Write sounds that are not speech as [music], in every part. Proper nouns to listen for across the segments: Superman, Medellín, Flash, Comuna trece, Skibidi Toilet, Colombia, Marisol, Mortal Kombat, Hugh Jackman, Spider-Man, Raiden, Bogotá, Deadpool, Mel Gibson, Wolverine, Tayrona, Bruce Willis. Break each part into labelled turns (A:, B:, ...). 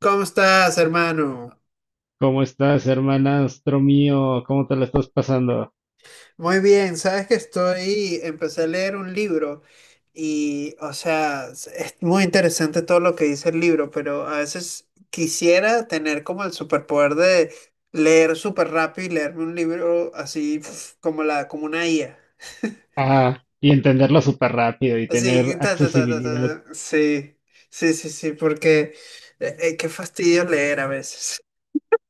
A: ¿Cómo estás, hermano?
B: ¿Cómo estás, hermanastro mío? ¿Cómo te la estás pasando?
A: Muy bien, sabes que estoy, empecé a leer un libro y, o sea, es muy interesante todo lo que dice el libro, pero a veces quisiera tener como el superpoder de leer súper rápido y leerme un libro así pf, como la, como una IA.
B: Ah, y entenderlo súper rápido y tener
A: Así, ta, ta, ta, ta,
B: accesibilidad.
A: ta, ta. Sí, sí, sí, sí, porque qué fastidio leer a veces.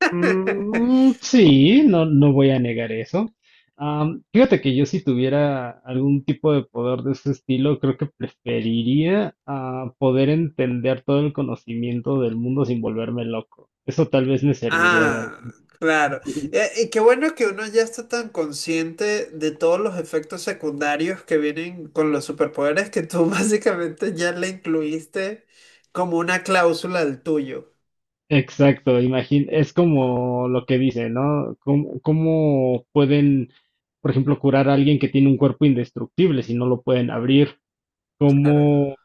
A: [laughs]
B: Mm, sí, no, no voy a negar eso. Fíjate que yo si tuviera algún tipo de poder de ese estilo, creo que preferiría poder entender todo el conocimiento del mundo sin volverme loco. Eso tal vez me serviría de algo.
A: Ah, claro.
B: [laughs]
A: Y qué bueno que uno ya está tan consciente de todos los efectos secundarios que vienen con los superpoderes que tú [laughs] básicamente ya le incluiste como una cláusula al tuyo.
B: Exacto, imagín es como lo que dice, ¿no? ¿Cómo pueden, por ejemplo, curar a alguien que tiene un cuerpo indestructible si no lo pueden abrir?
A: Claro.
B: ¿Cómo,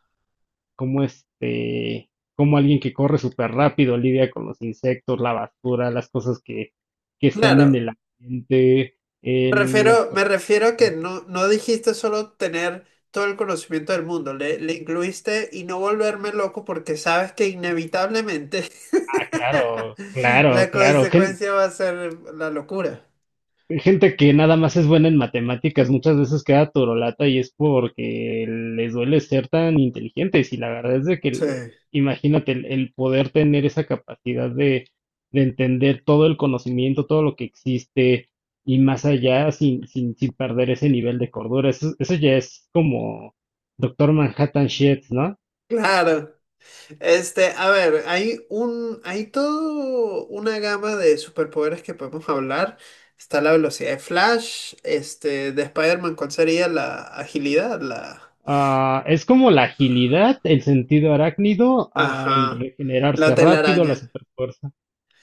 B: cómo este, cómo alguien que corre súper rápido lidia con los insectos, la basura, las cosas que están en
A: Claro.
B: el ambiente,
A: Me
B: las
A: refiero, me
B: personas?
A: refiero a que no, no dijiste solo tener todo el conocimiento del mundo, le incluiste y no volverme loco porque sabes que inevitablemente
B: Ah, claro,
A: [laughs]
B: claro,
A: la
B: claro.
A: consecuencia va a ser la locura.
B: Gente que nada más es buena en matemáticas, muchas veces queda torolata y es porque les duele ser tan inteligentes. Y la verdad es de que,
A: Sí,
B: imagínate, el poder tener esa capacidad de entender todo el conocimiento, todo lo que existe y más allá sin perder ese nivel de cordura. Eso ya es como Doctor Manhattan shit, ¿no?
A: claro. Este, a ver, hay un, hay toda una gama de superpoderes que podemos [laughs] hablar. Está la velocidad de Flash, este, de Spider-Man, ¿cuál sería la agilidad? La,
B: Ah, es como la agilidad, el sentido arácnido, el
A: ajá, la
B: regenerarse rápido, la
A: telaraña.
B: superfuerza.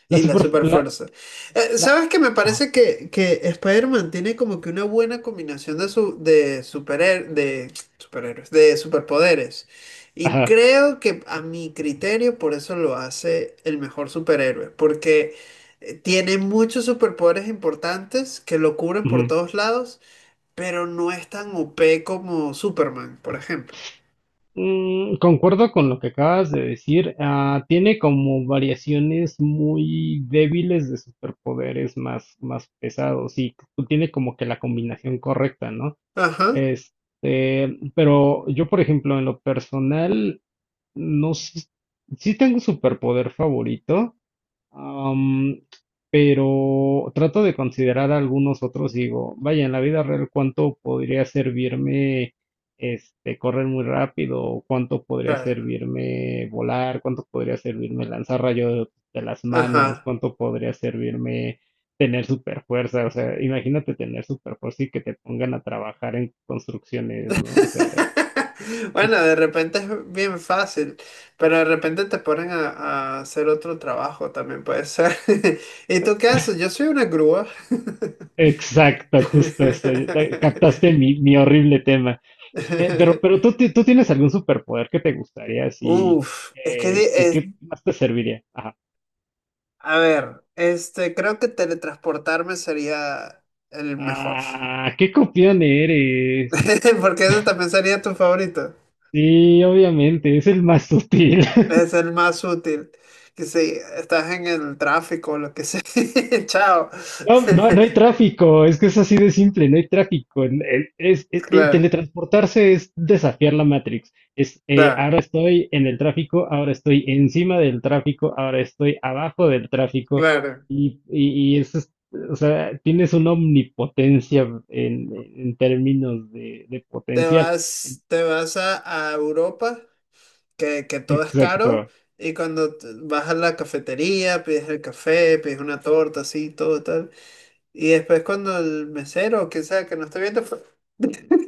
B: La
A: Y la
B: super.
A: super fuerza. ¿Sabes qué? Me
B: Ajá,
A: parece que Spider-Man tiene como que una buena combinación de, su, de, superher- de superhéroes, de superpoderes. Y
B: ajá,
A: creo que a mi criterio por eso lo hace el mejor superhéroe. Porque tiene muchos superpoderes importantes que lo cubren por
B: ujú.
A: todos lados, pero no es tan OP como Superman, por ejemplo.
B: Mm, concuerdo con lo que acabas de decir. Ah, tiene como variaciones muy débiles de superpoderes más pesados y tiene como que la combinación correcta, ¿no?
A: Ajá,
B: Este, pero yo, por ejemplo, en lo personal, no sé, sí tengo un superpoder favorito, Am, pero trato de considerar algunos otros, digo, vaya, en la vida real, ¿cuánto podría servirme este correr muy rápido? ¿O cuánto podría
A: claro.
B: servirme volar? ¿Cuánto podría servirme lanzar rayos de las manos?
A: Ajá.
B: ¿Cuánto podría servirme tener super fuerza? O sea, imagínate tener super fuerza y que te pongan a trabajar en construcciones, ¿no? O sea,
A: [laughs] Bueno,
B: es-
A: de repente es bien fácil, pero de repente te ponen a hacer otro trabajo también puede ser. [laughs] ¿Y tú qué haces? Yo soy una grúa.
B: exacto, justo eso.
A: [laughs]
B: Captaste mi horrible tema. Pero tú, tú tienes algún superpoder que te gustaría, así,
A: Uf, es que di-
B: eh, que,
A: es,
B: que más te serviría. Ajá.
A: a ver, este, creo que teletransportarme sería el mejor.
B: Ah, qué copión eres.
A: [laughs] Porque ese también sería tu favorito.
B: Sí, obviamente, es el más [laughs] sutil.
A: Es el más útil. Que si estás en el tráfico o lo que sea. [laughs] Chao. [laughs]
B: No, no, no hay tráfico, es que es así de simple, no hay tráfico. El
A: Claro.
B: teletransportarse es desafiar la Matrix. Es, eh,
A: Claro,
B: ahora estoy en el tráfico, ahora estoy encima del tráfico, ahora estoy abajo del tráfico.
A: claro.
B: Y eso es, o sea, tienes una omnipotencia en términos de potencial.
A: Te vas a Europa, que todo es caro,
B: Exacto.
A: y cuando t- vas a la cafetería, pides el café, pides una torta, así, todo tal. Y después cuando el mesero, o quien sea, que no esté viendo,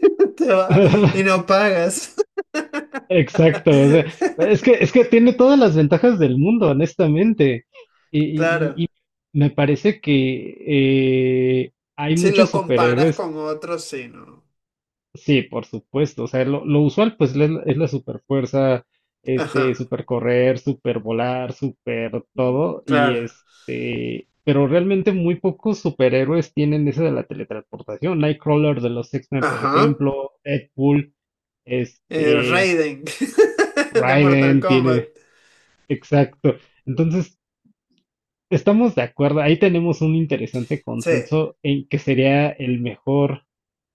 A: [laughs] te va y
B: [laughs]
A: no pagas. [laughs]
B: Exacto, o sea, es que tiene todas las ventajas del mundo, honestamente. Y, y-
A: Claro.
B: y- y me parece que hay
A: Si lo
B: muchos
A: comparas
B: superhéroes,
A: con otros, sí, ¿no?
B: sí, por supuesto. O sea, lo usual pues es la superfuerza,
A: Ajá,
B: este, supercorrer, supervolar, super todo. Y
A: claro.
B: este, pero realmente muy pocos superhéroes tienen esa de la teletransportación. Nightcrawler de los X-Men, por
A: Ajá.
B: ejemplo, Deadpool, este,
A: Raiden [laughs] de Mortal
B: Raiden
A: Kombat.
B: tiene. Exacto. Entonces, estamos de acuerdo. Ahí tenemos un interesante
A: Sí,
B: consenso en que sería el mejor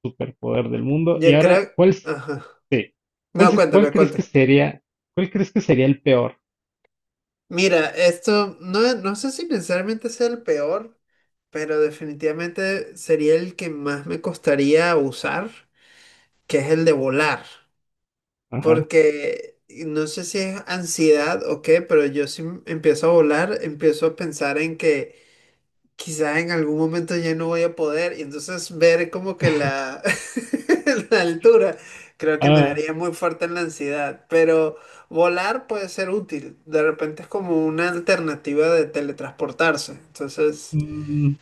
B: superpoder del mundo. Y
A: yo
B: ahora,
A: creo... Ajá.
B: Sí. cuál
A: No,
B: se- cuál
A: cuéntame,
B: crees que
A: cuéntame.
B: sería, ¿Cuál crees que sería el peor?
A: Mira, esto no, no sé si necesariamente sea el peor, pero definitivamente sería el que más me costaría usar, que es el de volar.
B: Ajá.
A: Porque no sé si es ansiedad o qué, pero yo si empiezo a volar, empiezo a pensar en que quizá en algún momento ya no voy a poder y entonces ver como que la, [laughs] la altura creo que me
B: Ah,
A: daría muy fuerte en la ansiedad, pero volar puede ser útil, de repente es como una alternativa de teletransportarse, entonces,
B: mm,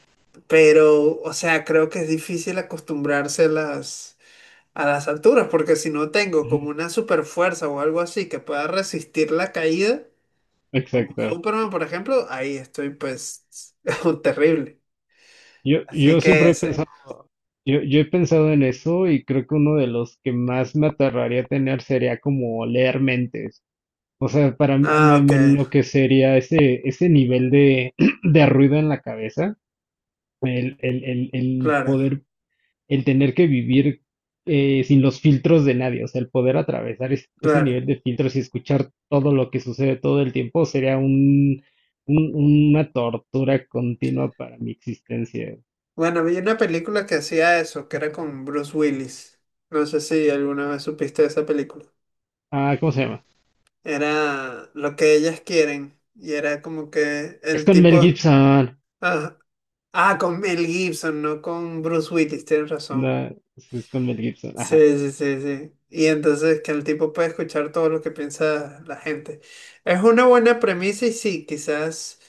A: pero, o sea, creo que es difícil acostumbrarse a las alturas porque si no tengo
B: ujú,
A: como una super fuerza o algo así que pueda resistir la caída. Como
B: exacto.
A: Superman, por ejemplo, ahí estoy pues [laughs] terrible.
B: Yo,
A: Así
B: yo
A: que
B: siempre he
A: ese.
B: pensado, yo he pensado en eso y creo que uno de los que más me aterraría tener sería como leer mentes. O sea, para mí
A: Ah,
B: me,
A: ok,
B: me enloquecería ese nivel de, [clears throat] de ruido en la cabeza, el
A: claro,
B: poder, el tener que vivir sin los filtros de nadie, o sea, el poder atravesar ese
A: claro.
B: nivel de filtros y escuchar todo lo que sucede todo el tiempo sería un- una tortura continua para mi existencia.
A: Bueno, vi una película que hacía eso, que era con Bruce Willis. No sé si alguna vez supiste de esa película.
B: Ah, ¿cómo se llama?
A: Era lo que ellas quieren. Y era como que
B: Es
A: el
B: con
A: tipo...
B: Mel Gibson.
A: Ah, ah, con Mel Gibson, no con Bruce Willis, tienes
B: No,
A: razón.
B: sí, es con Mel Gibson, ajá.
A: Sí, sí, sí, sí. Y entonces que el tipo puede escuchar todo lo que piensa la gente. Es una buena premisa y sí, quizás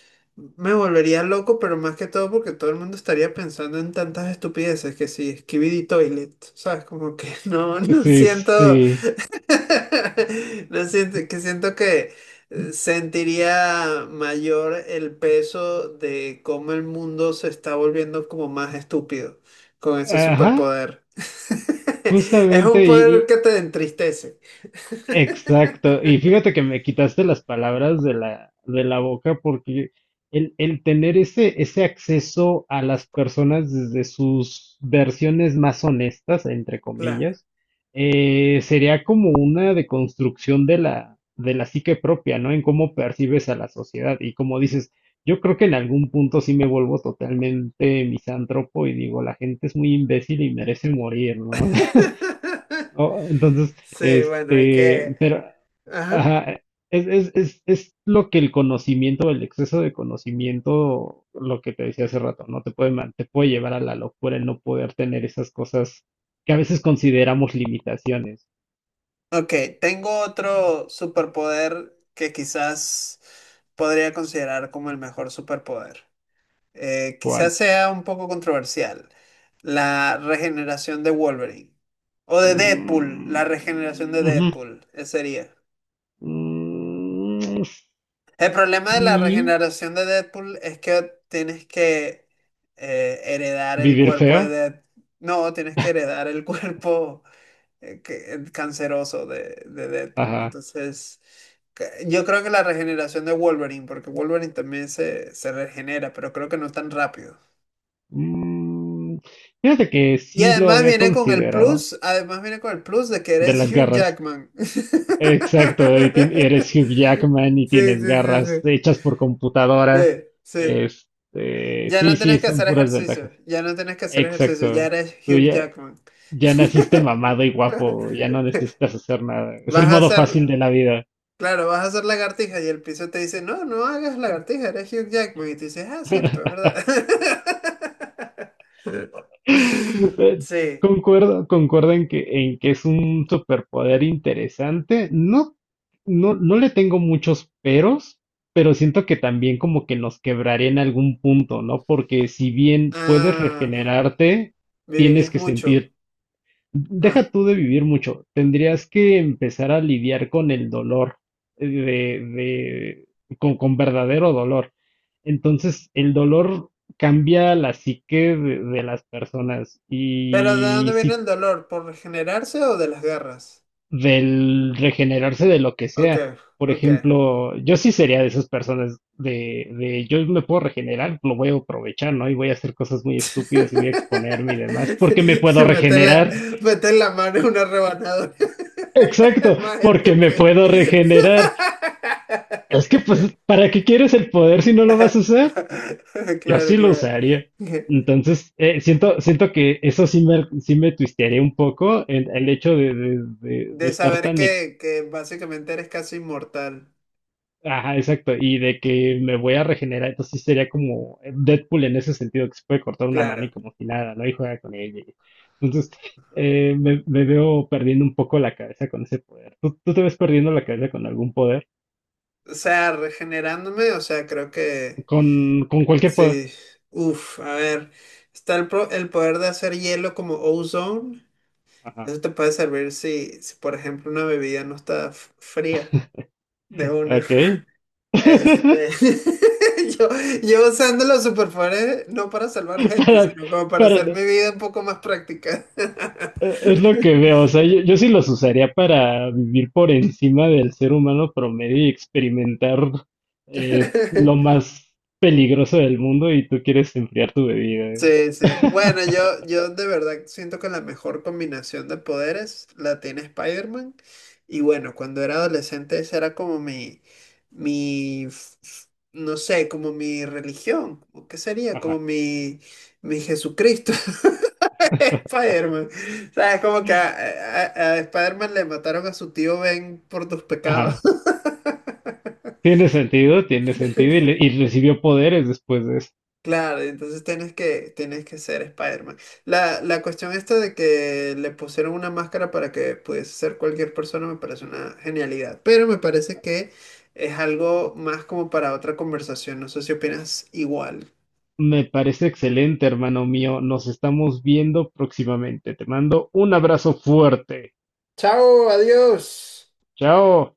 A: me volvería loco, pero más que todo porque todo el mundo estaría pensando en tantas estupideces que sí, Skibidi Toilet, ¿sabes? Como que [laughs] no, no
B: Sí,
A: siento,
B: sí.
A: [laughs] No siento- que siento que sentiría mayor el peso de cómo el mundo se está volviendo como más estúpido con ese
B: Ajá,
A: superpoder. [laughs] Es
B: justamente.
A: un poder que te entristece. [laughs]
B: Exacto. Y fíjate que me quitaste las palabras de la boca porque el tener ese acceso a las personas desde sus versiones más honestas, entre
A: Claro.
B: comillas, sería como una deconstrucción de la psique propia, ¿no? En cómo percibes a la sociedad. Y como dices, yo creo que en algún punto sí me vuelvo totalmente misántropo y digo, la gente es muy imbécil y merece morir, ¿no?
A: [laughs]
B: Oh, entonces,
A: Sí, bueno, hay
B: este,
A: que...
B: pero,
A: Ajá.
B: ajá, es lo que el conocimiento, el exceso de conocimiento, lo que te decía hace rato, ¿no? Te puede llevar a la locura el no poder tener esas cosas que a veces consideramos limitaciones.
A: Ok, tengo otro superpoder que quizás podría considerar como el mejor superpoder.
B: ¿Cuál?
A: Quizás sea un poco controversial, la regeneración de Wolverine. O de Deadpool, la regeneración
B: Mm,
A: de
B: ujú,
A: Deadpool, ese sería.
B: mm,
A: El problema de la
B: sí,
A: regeneración de Deadpool es que tienes que heredar el
B: vivir
A: cuerpo de
B: feo.
A: Deadpool. No, tienes que heredar el [laughs] cuerpo que- el canceroso de Deadpool.
B: Ajá.
A: Entonces, que- yo creo que la regeneración de Wolverine, porque Wolverine también se regenera, pero creo que no tan rápido.
B: Mm, fíjate que
A: Y
B: sí lo
A: además
B: había
A: viene con el
B: considerado,
A: plus, además viene con el plus de que
B: de
A: eres
B: las
A: Hugh
B: garras.
A: Jackman.
B: Exacto, y eres Hugh
A: [laughs]
B: Jackman y
A: Sí,
B: tienes
A: sí, sí,
B: garras
A: sí.
B: hechas por computadora.
A: Sí, sí.
B: Este,
A: Ya no
B: sí, sí,
A: tienes que
B: son
A: hacer
B: puras
A: ejercicio,
B: ventajas.
A: ya no tienes que hacer ejercicio, ya
B: Exacto.
A: eres
B: Tú
A: Hugh
B: ya,
A: Jackman.
B: ya naciste
A: [laughs]
B: mamado y guapo, ya no necesitas hacer nada. Es el
A: Vas a
B: modo
A: hacer,
B: fácil de la vida.
A: claro, vas a hacer lagartija y el piso te dice, no, no hagas lagartija, eres Hugh Jackman. Y tú dices, ah, cierto, es verdad. [laughs]
B: [laughs] Eh,
A: Sí.
B: concuerdo en que es un superpoder interesante. No, no, no le tengo muchos peros, pero siento que también como que nos quebraría en algún punto, ¿no? Porque si bien puedes
A: Ah,
B: regenerarte, tienes
A: vivirías
B: que
A: mucho.
B: sentir.
A: Ah,
B: Deja tú de vivir mucho, tendrías que empezar a lidiar con el dolor, eh, de, de- con verdadero dolor. Entonces, el dolor cambia la psique de las personas
A: pero ¿de dónde
B: y
A: viene
B: si
A: el dolor? ¿Por regenerarse o de las garras?
B: del regenerarse de lo que
A: Ok,
B: sea. Por
A: ok.
B: ejemplo, yo sí sería de esas personas de yo me puedo regenerar, lo voy a aprovechar, ¿no? Y voy a hacer cosas muy estúpidas y voy a exponerme y demás,
A: [laughs]
B: porque me puedo
A: Mete la,
B: regenerar.
A: mete la mano en una rebanadora. [laughs] El
B: Exacto,
A: más
B: porque me
A: estúpido.
B: puedo
A: [laughs]
B: regenerar. Es que, pues, ¿para qué quieres el poder si no lo vas a usar? Yo
A: Claro,
B: sí lo
A: claro.
B: usaría. Entonces, siento que eso sí me twistearía un poco el hecho de
A: De
B: estar
A: saber
B: tan.
A: que básicamente eres casi inmortal.
B: Ajá, exacto. Y de que me voy a regenerar. Entonces, sí sería como Deadpool en ese sentido, que se puede cortar una mano
A: Claro.
B: y como si nada, ¿no? Y juega con ella. Entonces, me veo perdiendo un poco la cabeza con ese poder. ¿Tú te ves perdiendo la cabeza con algún poder?
A: O sea, regenerándome, o sea, creo que...
B: Con cualquier poder.
A: Sí, uff, a ver, está el, pro- el poder de hacer hielo como ozone.
B: Ajá.
A: Eso te puede servir si, si, por ejemplo, una bebida no está f- fría de una.
B: Ok. [laughs]
A: Este, [laughs] yo, yo usando los superpoderes no para salvar gente,
B: Para,
A: sino como para hacer
B: para-
A: mi vida un poco más práctica.
B: es lo que veo. O sea, yo sí los usaría para vivir por encima del ser humano promedio y experimentar lo
A: [laughs]
B: más peligroso del mundo y tú quieres enfriar tu bebida. ¿Eh?
A: Sí, sí. Bueno, yo,
B: [laughs]
A: yo de verdad siento que la mejor combinación de poderes la tiene Spider-Man. Y bueno, cuando era adolescente esa era como mi, f- f- no sé, como mi religión. ¿O ¿qué sería? Como
B: Ajá.
A: mi Jesucristo, [laughs] Spider-Man. O sea, es como que a- Spider-Man le mataron a su tío Ben por tus
B: Ajá.
A: pecados.
B: Tiene sentido y recibió poderes después de eso.
A: Claro, entonces tienes que ser Spider-Man. La cuestión esta de que le pusieron una máscara para que pudiese ser cualquier persona me parece una genialidad, pero me parece que es algo más como para otra conversación. No sé si opinas igual.
B: Me parece excelente, hermano mío. Nos estamos viendo próximamente. Te mando un abrazo fuerte.
A: Chao, adiós.
B: Chao.